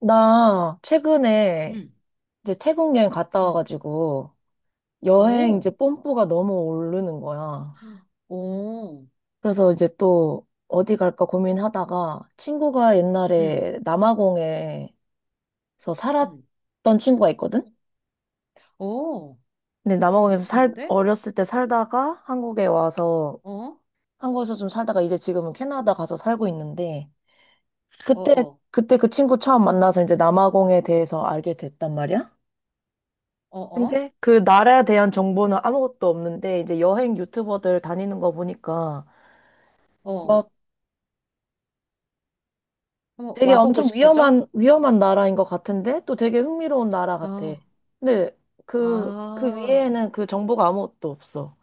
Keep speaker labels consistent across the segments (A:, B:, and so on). A: 나 최근에
B: 음,
A: 이제 태국 여행 갔다
B: 음.
A: 와가지고 여행 이제
B: 오,
A: 뽐뿌가 너무 오르는 거야.
B: 오,
A: 그래서 이제 또 어디 갈까 고민하다가 친구가
B: 음,
A: 옛날에 남아공에서
B: 음.
A: 살았던 친구가 있거든?
B: 오,
A: 근데
B: 너무
A: 남아공에서
B: 괜찮은데?
A: 어렸을 때 살다가 한국에 와서
B: 어,
A: 한국에서 좀 살다가 이제 지금은 캐나다 가서 살고 있는데
B: 어,
A: 그때,
B: 어,
A: 그때 그 친구 처음 만나서 이제 남아공에 대해서 알게 됐단 말이야.
B: 어, 어,
A: 근데 그 나라에 대한 정보는 아무것도 없는데 이제 여행 유튜버들 다니는 거 보니까
B: 어.
A: 막
B: 한번
A: 되게
B: 와보고
A: 엄청
B: 싶어져?
A: 위험한 나라인 것 같은데 또 되게 흥미로운 나라 같아.
B: 아,
A: 근데 그
B: 아,
A: 위에는 그 정보가 아무것도 없어.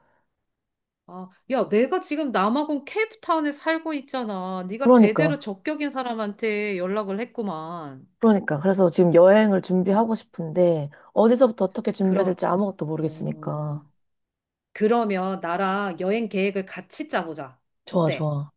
B: 아. 야, 내가 지금 남아공 케이프타운에 살고 있잖아. 네가
A: 그러니까
B: 제대로 적격인 사람한테 연락을 했구만.
A: 그러니까 그래서 지금 여행을
B: 어,
A: 준비하고 싶은데 어디서부터 어떻게 준비해야
B: 그럼,
A: 될지 아무것도
B: 어.
A: 모르겠으니까.
B: 그러면 나랑 여행 계획을 같이 짜보자.
A: 좋아
B: 어때?
A: 좋아.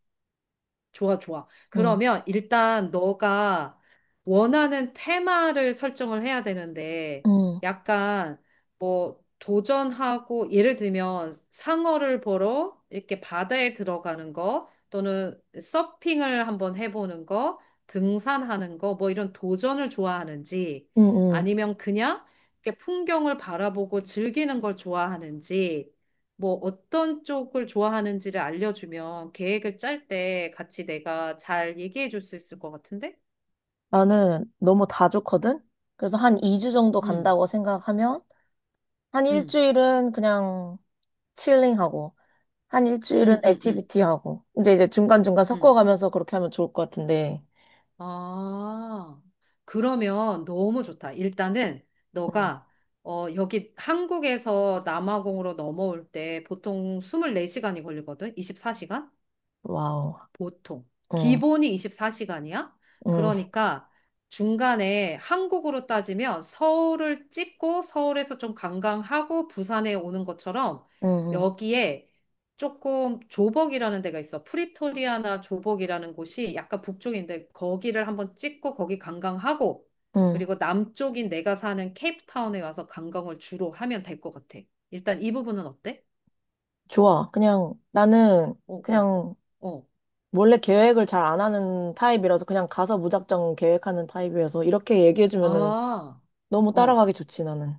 B: 좋아, 좋아.
A: 응.
B: 그러면 일단 너가 원하는 테마를 설정을 해야 되는데,
A: 응.
B: 약간 뭐 도전하고, 예를 들면 상어를 보러 이렇게 바다에 들어가는 거, 또는 서핑을 한번 해보는 거, 등산하는 거, 뭐 이런 도전을 좋아하는지,
A: 응. 응.
B: 아니면 그냥 이렇게 풍경을 바라보고 즐기는 걸 좋아하는지, 뭐 어떤 쪽을 좋아하는지를 알려주면 계획을 짤 때 같이 내가 잘 얘기해 줄 수 있을 것 같은데?
A: 나는 너무 다 좋거든. 그래서 한 2주 정도
B: 응,
A: 간다고 생각하면 한
B: 응,
A: 일주일은 그냥 칠링하고, 한 일주일은
B: 응, 응, 응,
A: 액티비티 하고, 이제 중간중간
B: 응.
A: 섞어가면서 그렇게 하면 좋을 것 같은데,
B: 아, 그러면 너무 좋다. 일단은
A: 어,
B: 너가 여기 한국에서 남아공으로 넘어올 때 보통 24시간이 걸리거든? 24시간?
A: 와우,
B: 보통.
A: 응,
B: 기본이 24시간이야?
A: 응,
B: 그러니까 중간에 한국으로 따지면 서울을 찍고 서울에서 좀 관광하고 부산에 오는 것처럼
A: 응, 응,
B: 여기에 조금 조벅이라는 데가 있어. 프리토리아나 조벅이라는 곳이 약간 북쪽인데 거기를 한번 찍고 거기 관광하고
A: 응.
B: 그리고 남쪽인 내가 사는 케이프타운에 와서 관광을 주로 하면 될 것 같아. 일단 이 부분은 어때?
A: 좋아. 그냥 나는
B: 어, 어,
A: 그냥
B: 어.
A: 원래 계획을 잘 안 하는 타입이라서 그냥 가서 무작정 계획하는 타입이어서 이렇게 얘기해주면은
B: 아,
A: 너무
B: 어.
A: 따라가기 좋지, 나는.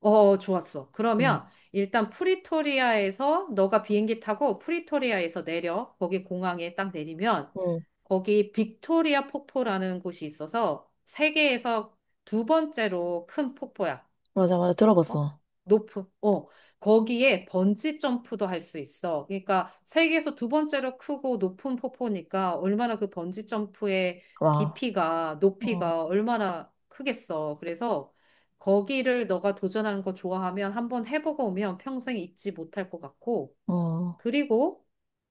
B: 어, 좋았어.
A: 응,
B: 그러면 일단 프리토리아에서 너가 비행기 타고 프리토리아에서 내려. 거기 공항에 딱 내리면
A: 응,
B: 거기 빅토리아 폭포라는 곳이 있어서 세계에서 두 번째로 큰 폭포야.
A: 맞아, 맞아.
B: 어?
A: 들어봤어.
B: 높은, 어, 거기에 번지 점프도 할 수 있어. 그러니까 세계에서 두 번째로 크고 높은 폭포니까 얼마나 그 번지 점프의
A: 와,
B: 깊이가,
A: 어,
B: 높이가 얼마나 크겠어. 그래서 거기를 너가 도전하는 거 좋아하면 한번 해보고 오면 평생 잊지 못할 것 같고,
A: 어,
B: 그리고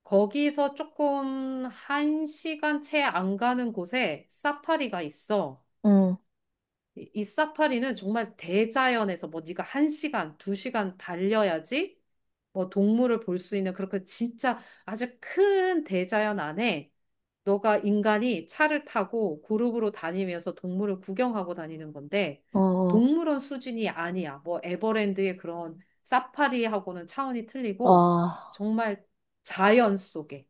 B: 거기서 조금 한 시간 채 안 가는 곳에 사파리가 있어.
A: 응,
B: 이 사파리는 정말 대자연에서 뭐 네가 한시간두시간 달려야지 뭐 동물을 볼 수 있는 그렇게 진짜 아주 큰 대자연 안에 너가 인간이 차를 타고 그룹으로 다니면서 동물을 구경하고 다니는 건데
A: 어, 어,
B: 동물원 수준이 아니야. 뭐 에버랜드의 그런 사파리하고는 차원이 틀리고
A: 와,
B: 정말 자연 속에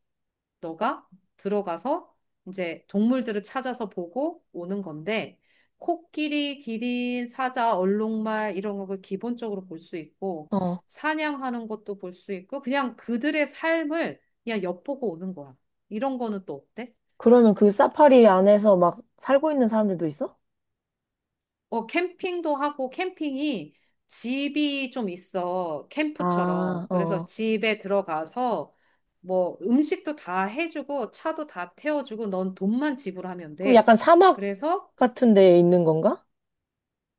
B: 너가 들어가서 이제 동물들을 찾아서 보고 오는 건데, 코끼리, 기린, 사자, 얼룩말 이런 걸 기본적으로 볼 수 있고,
A: 어.
B: 사냥하는 것도 볼 수 있고, 그냥 그들의 삶을 그냥 엿보고 오는 거야. 이런 거는 또 어때?
A: 그러면 그 사파리 안에서 막 살고 있는 사람들도 있어?
B: 어, 캠핑도 하고, 캠핑이 집이 좀 있어.
A: 아,
B: 캠프처럼. 그래서
A: 어.
B: 집에 들어가서 뭐 음식도 다 해주고, 차도 다 태워주고, 넌 돈만 지불하면
A: 그럼
B: 돼.
A: 약간 사막
B: 그래서
A: 같은 데에 있는 건가?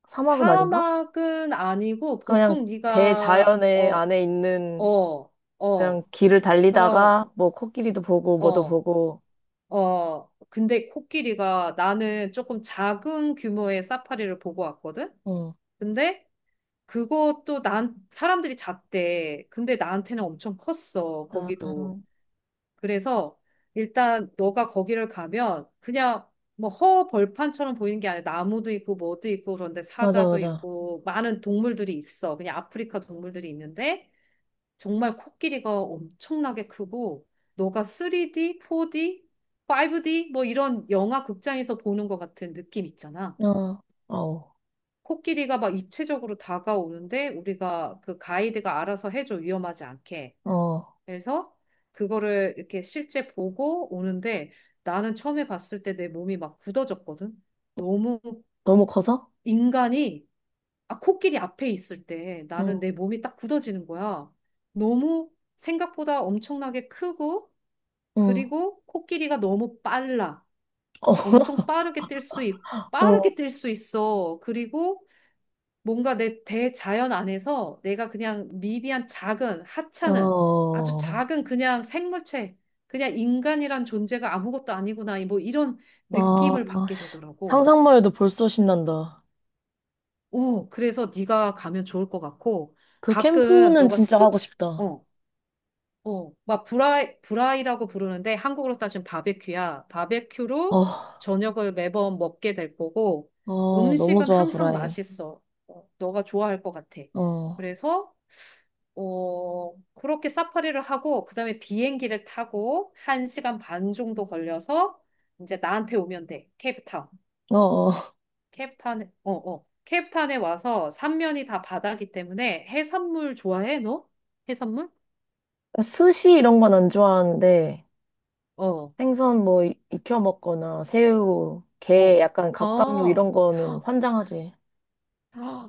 A: 사막은 아닌가?
B: 사막은 아니고
A: 그냥
B: 보통 네가
A: 대자연의
B: 어,
A: 안에 있는
B: 어,
A: 그냥
B: 어,
A: 길을
B: 그런
A: 달리다가 뭐 코끼리도 보고 뭐도
B: 어,
A: 보고.
B: 어. 근데 코끼리가 나는 조금 작은 규모의 사파리를 보고 왔거든.
A: 응.
B: 근데 그것도 난 사람들이 작대. 근데 나한테는 엄청 컸어.
A: 아, 아.
B: 거기도. 그래서 일단 너가 거기를 가면 그냥 뭐 허벌판처럼 보이는 게 아니라 나무도 있고 뭐도 있고 그런데
A: 맞아,
B: 사자도
A: 맞아.
B: 있고 많은 동물들이 있어. 그냥 아프리카 동물들이 있는데 정말 코끼리가 엄청나게 크고 너가 3D, 4D, 5D 뭐 이런 영화 극장에서 보는 것 같은 느낌 있잖아.
A: 어, 아우,
B: 코끼리가 막 입체적으로 다가오는데 우리가 그 가이드가 알아서 해줘 위험하지 않게.
A: 어.
B: 그래서 그거를 이렇게 실제 보고 오는데 나는 처음에 봤을 때 내 몸이 막 굳어졌거든. 너무
A: 너무 커서?
B: 인간이 아, 코끼리 앞에 있을 때
A: 응,
B: 나는 내 몸이 딱 굳어지는 거야. 너무 생각보다 엄청나게 크고
A: 응.
B: 그리고 코끼리가 너무 빨라.
A: 어,
B: 엄청
A: 어,
B: 빠르게 뛸 수 있어. 그리고 뭔가 내 대자연 안에서 내가 그냥 미비한 작은 하찮은 아주
A: 어.
B: 작은 그냥 생물체, 그냥 인간이란 존재가 아무것도 아니구나 뭐 이런
A: 아,
B: 느낌을 받게
A: 씨.
B: 되더라고.
A: 상상만 해도 벌써 신난다.
B: 오, 그래서 네가 가면 좋을 것 같고
A: 그
B: 가끔
A: 캠프는
B: 너가
A: 진짜 하고 싶다.
B: 어, 막 브라이, 브라이라고 부르는데 한국으로 따지면 바베큐야.
A: 어,
B: 바베큐로 저녁을 매번 먹게 될 거고
A: 어, 너무
B: 음식은
A: 좋아,
B: 항상
A: 브라이.
B: 맛있어. 어, 너가 좋아할 것 같아.
A: 어, 어,
B: 그래서 어, 그렇게 사파리를 하고 그다음에 비행기를 타고 한시간반 정도 걸려서 이제 나한테 오면 돼. 케이프타운.
A: 어.
B: 케이프타운에 어, 어. 케이프타운에 와서 삼면이 다 바다기 때문에 해산물 좋아해, 너? 해산물?
A: 스시 이런 건 안 좋아하는데,
B: 어.
A: 생선 뭐 익혀 먹거나, 새우,
B: 어,
A: 게, 약간 갑각류
B: 어
A: 이런 거는
B: 헉,
A: 환장하지.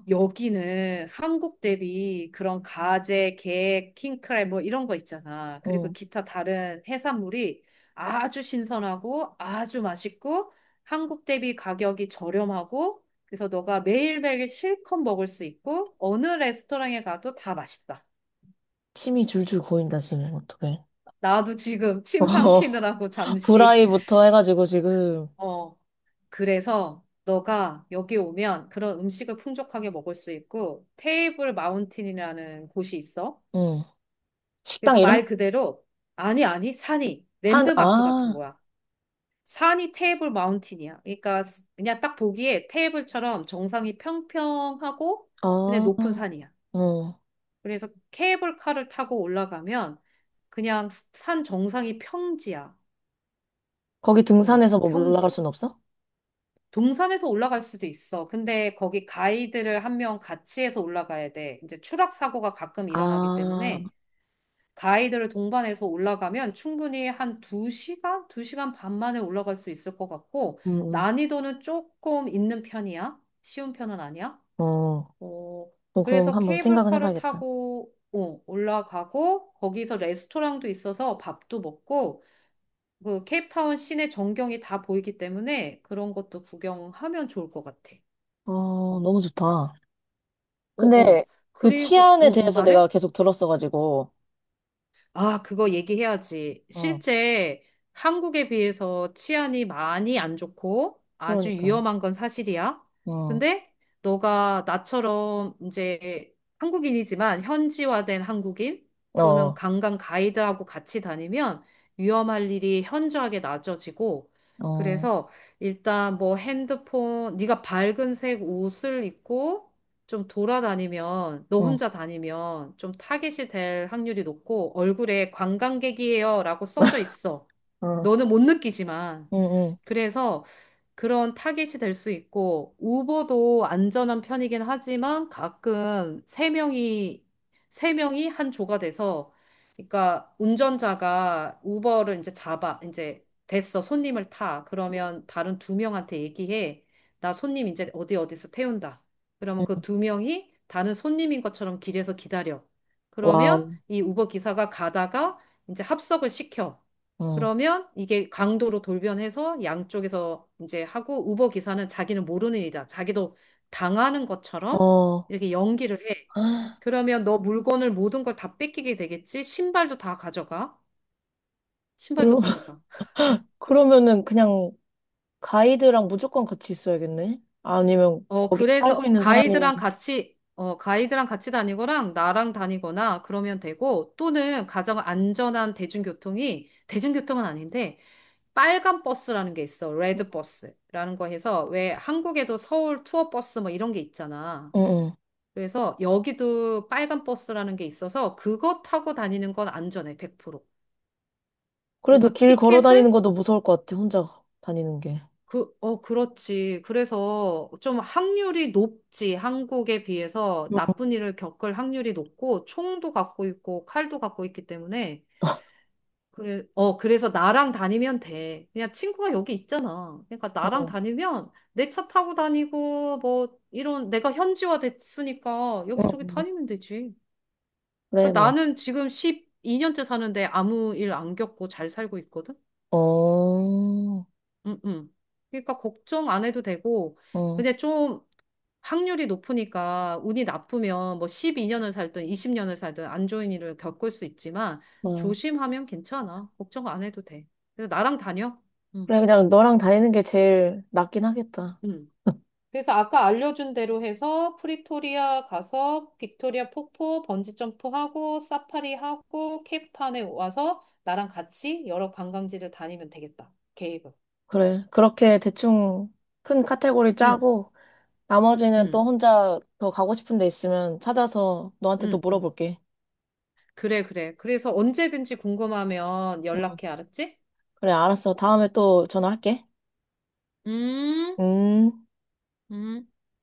B: 여기는 한국 대비 그런 가재, 게, 킹크랩 뭐 이런 거 있잖아. 그리고
A: 응.
B: 기타 다른 해산물이 아주 신선하고 아주 맛있고 한국 대비 가격이 저렴하고 그래서 너가 매일매일 실컷 먹을 수 있고 어느 레스토랑에 가도 다 맛있다.
A: 침이 줄줄 고인다, 지금, 어떡해.
B: 나도 지금 침
A: 어,
B: 삼키느라고 잠시
A: 브라이부터 해가지고 지금,
B: 어, 그래서 너가 여기 오면 그런 음식을 풍족하게 먹을 수 있고 테이블 마운틴이라는 곳이 있어.
A: 응. 식당
B: 그래서
A: 이름?
B: 말 그대로 아니, 산이
A: 산,
B: 랜드마크 같은
A: 아,
B: 거야. 산이 테이블 마운틴이야. 그러니까 그냥 딱 보기에 테이블처럼 정상이 평평하고 근데
A: 아,
B: 높은 산이야.
A: 응.
B: 그래서 케이블카를 타고 올라가면 그냥 산 정상이 평지야.
A: 거기
B: 어,
A: 등산해서 뭐 올라갈
B: 평지.
A: 순 없어?
B: 동산에서 올라갈 수도 있어. 근데 거기 가이드를 한 명 같이 해서 올라가야 돼. 이제 추락 사고가 가끔 일어나기
A: 아,
B: 때문에 가이드를 동반해서 올라가면 충분히 한 2시간? 2시간 반 만에 올라갈 수 있을 것 같고
A: 음,
B: 난이도는 조금 있는 편이야. 쉬운 편은 아니야.
A: 어,
B: 어,
A: 조금
B: 그래서
A: 한번 생각은
B: 케이블카를
A: 해봐야겠다.
B: 타고 어, 올라가고 거기서 레스토랑도 있어서 밥도 먹고 그 케이프타운 시내 전경이 다 보이기 때문에 그런 것도 구경하면 좋을 것 같아.
A: 어,
B: 어,
A: 너무 좋다.
B: 어,
A: 근데
B: 어.
A: 그
B: 그리고, 어,
A: 치안에
B: 어,
A: 대해서
B: 말해?
A: 내가 계속 들었어가지고,
B: 아, 그거 얘기해야지.
A: 어,
B: 실제 한국에 비해서 치안이 많이 안 좋고 아주
A: 그러니까,
B: 위험한 건 사실이야.
A: 어,
B: 근데 너가 나처럼 이제 한국인이지만 현지화된 한국인 또는
A: 어,
B: 관광 가이드하고 같이 다니면 위험할 일이 현저하게 낮아지고
A: 어,
B: 그래서 일단 뭐 핸드폰, 네가 밝은 색 옷을 입고 좀 돌아다니면, 너
A: 응,
B: 혼자 다니면 좀 타겟이 될 확률이 높고 얼굴에 관광객이에요라고 써져 있어.
A: 어,
B: 너는 못 느끼지만.
A: 응, 응,
B: 그래서 그런 타깃이 될 수 있고, 우버도 안전한 편이긴 하지만 가끔 세 명이 한 조가 돼서, 그러니까 운전자가 우버를 이제 잡아, 이제 됐어, 손님을 타. 그러면 다른 두 명한테 얘기해. 나 손님 이제 어디 어디서 태운다. 그러면 그
A: 응.
B: 두 명이 다른 손님인 것처럼 길에서 기다려. 그러면
A: 와우,
B: 이 우버 기사가 가다가 이제 합석을 시켜.
A: 어,
B: 그러면 이게 강도로 돌변해서 양쪽에서 이제 하고 우버 기사는 자기는 모르는 일이다. 자기도 당하는 것처럼
A: 어.
B: 이렇게 연기를 해. 그러면 너 물건을 모든 걸 다 뺏기게 되겠지? 신발도 다 가져가. 신발도
A: 그러,
B: 가져가.
A: 그러면은 그냥 가이드랑 무조건 같이 있어야겠네? 아니면
B: 어,
A: 거기 살고
B: 그래서
A: 있는 사람이나,
B: 가이드랑 같이 다니거나 나랑 다니거나 그러면 되고 또는 가장 안전한 대중교통이 대중교통은 아닌데 빨간 버스라는 게 있어. 레드 버스라는 거 해서 왜 한국에도 서울 투어 버스 뭐 이런 게 있잖아.
A: 응, 응.
B: 그래서 여기도 빨간 버스라는 게 있어서 그거 타고 다니는 건 안전해, 100%.
A: 그래도
B: 그래서
A: 길 걸어
B: 티켓을
A: 다니는 것도 무서울 것 같아, 혼자 다니는 게.
B: 그, 어, 그렇지. 그래서 좀 확률이 높지. 한국에 비해서
A: 응,
B: 나쁜 일을 겪을 확률이 높고 총도 갖고 있고 칼도 갖고 있기 때문에 그래, 그래서 나랑 다니면 돼. 그냥 친구가 여기 있잖아. 그러니까 나랑
A: 응,
B: 다니면 내 차 타고 다니고, 뭐, 이런, 내가 현지화 됐으니까
A: 응.
B: 여기저기
A: 응.
B: 다니면 되지. 그
A: 그래, 뭐.
B: 나는 지금 12년째 사는데 아무 일 안 겪고 잘 살고 있거든?
A: 어,
B: 응, 응. 그러니까 걱정 안 해도 되고,
A: 어,
B: 근데 좀 확률이 높으니까 운이 나쁘면 뭐 12년을 살든 20년을 살든 안 좋은 일을 겪을 수 있지만
A: 와.
B: 조심하면 괜찮아. 걱정 안 해도 돼. 그래서 나랑 다녀. 응.
A: 그래, 그냥 너랑 다니는 게 제일 낫긴 하겠다.
B: 음. 그래서 아까 알려준 대로 해서 프리토리아 가서 빅토리아 폭포 번지점프 하고 사파리 하고 케이프타운에 와서 나랑 같이 여러 관광지를 다니면 되겠다. 계획을.
A: 그래, 그렇게 대충 큰 카테고리
B: 응,
A: 짜고, 나머지는
B: 응,
A: 또 혼자 더 가고 싶은 데 있으면 찾아서 너한테 또
B: 응, 응.
A: 물어볼게.
B: 그래, 그래. 그래서 언제든지 궁금하면
A: 응.
B: 연락해, 알았지?
A: 그래, 알았어. 다음에 또 전화할게.
B: 음,
A: 음.
B: 음.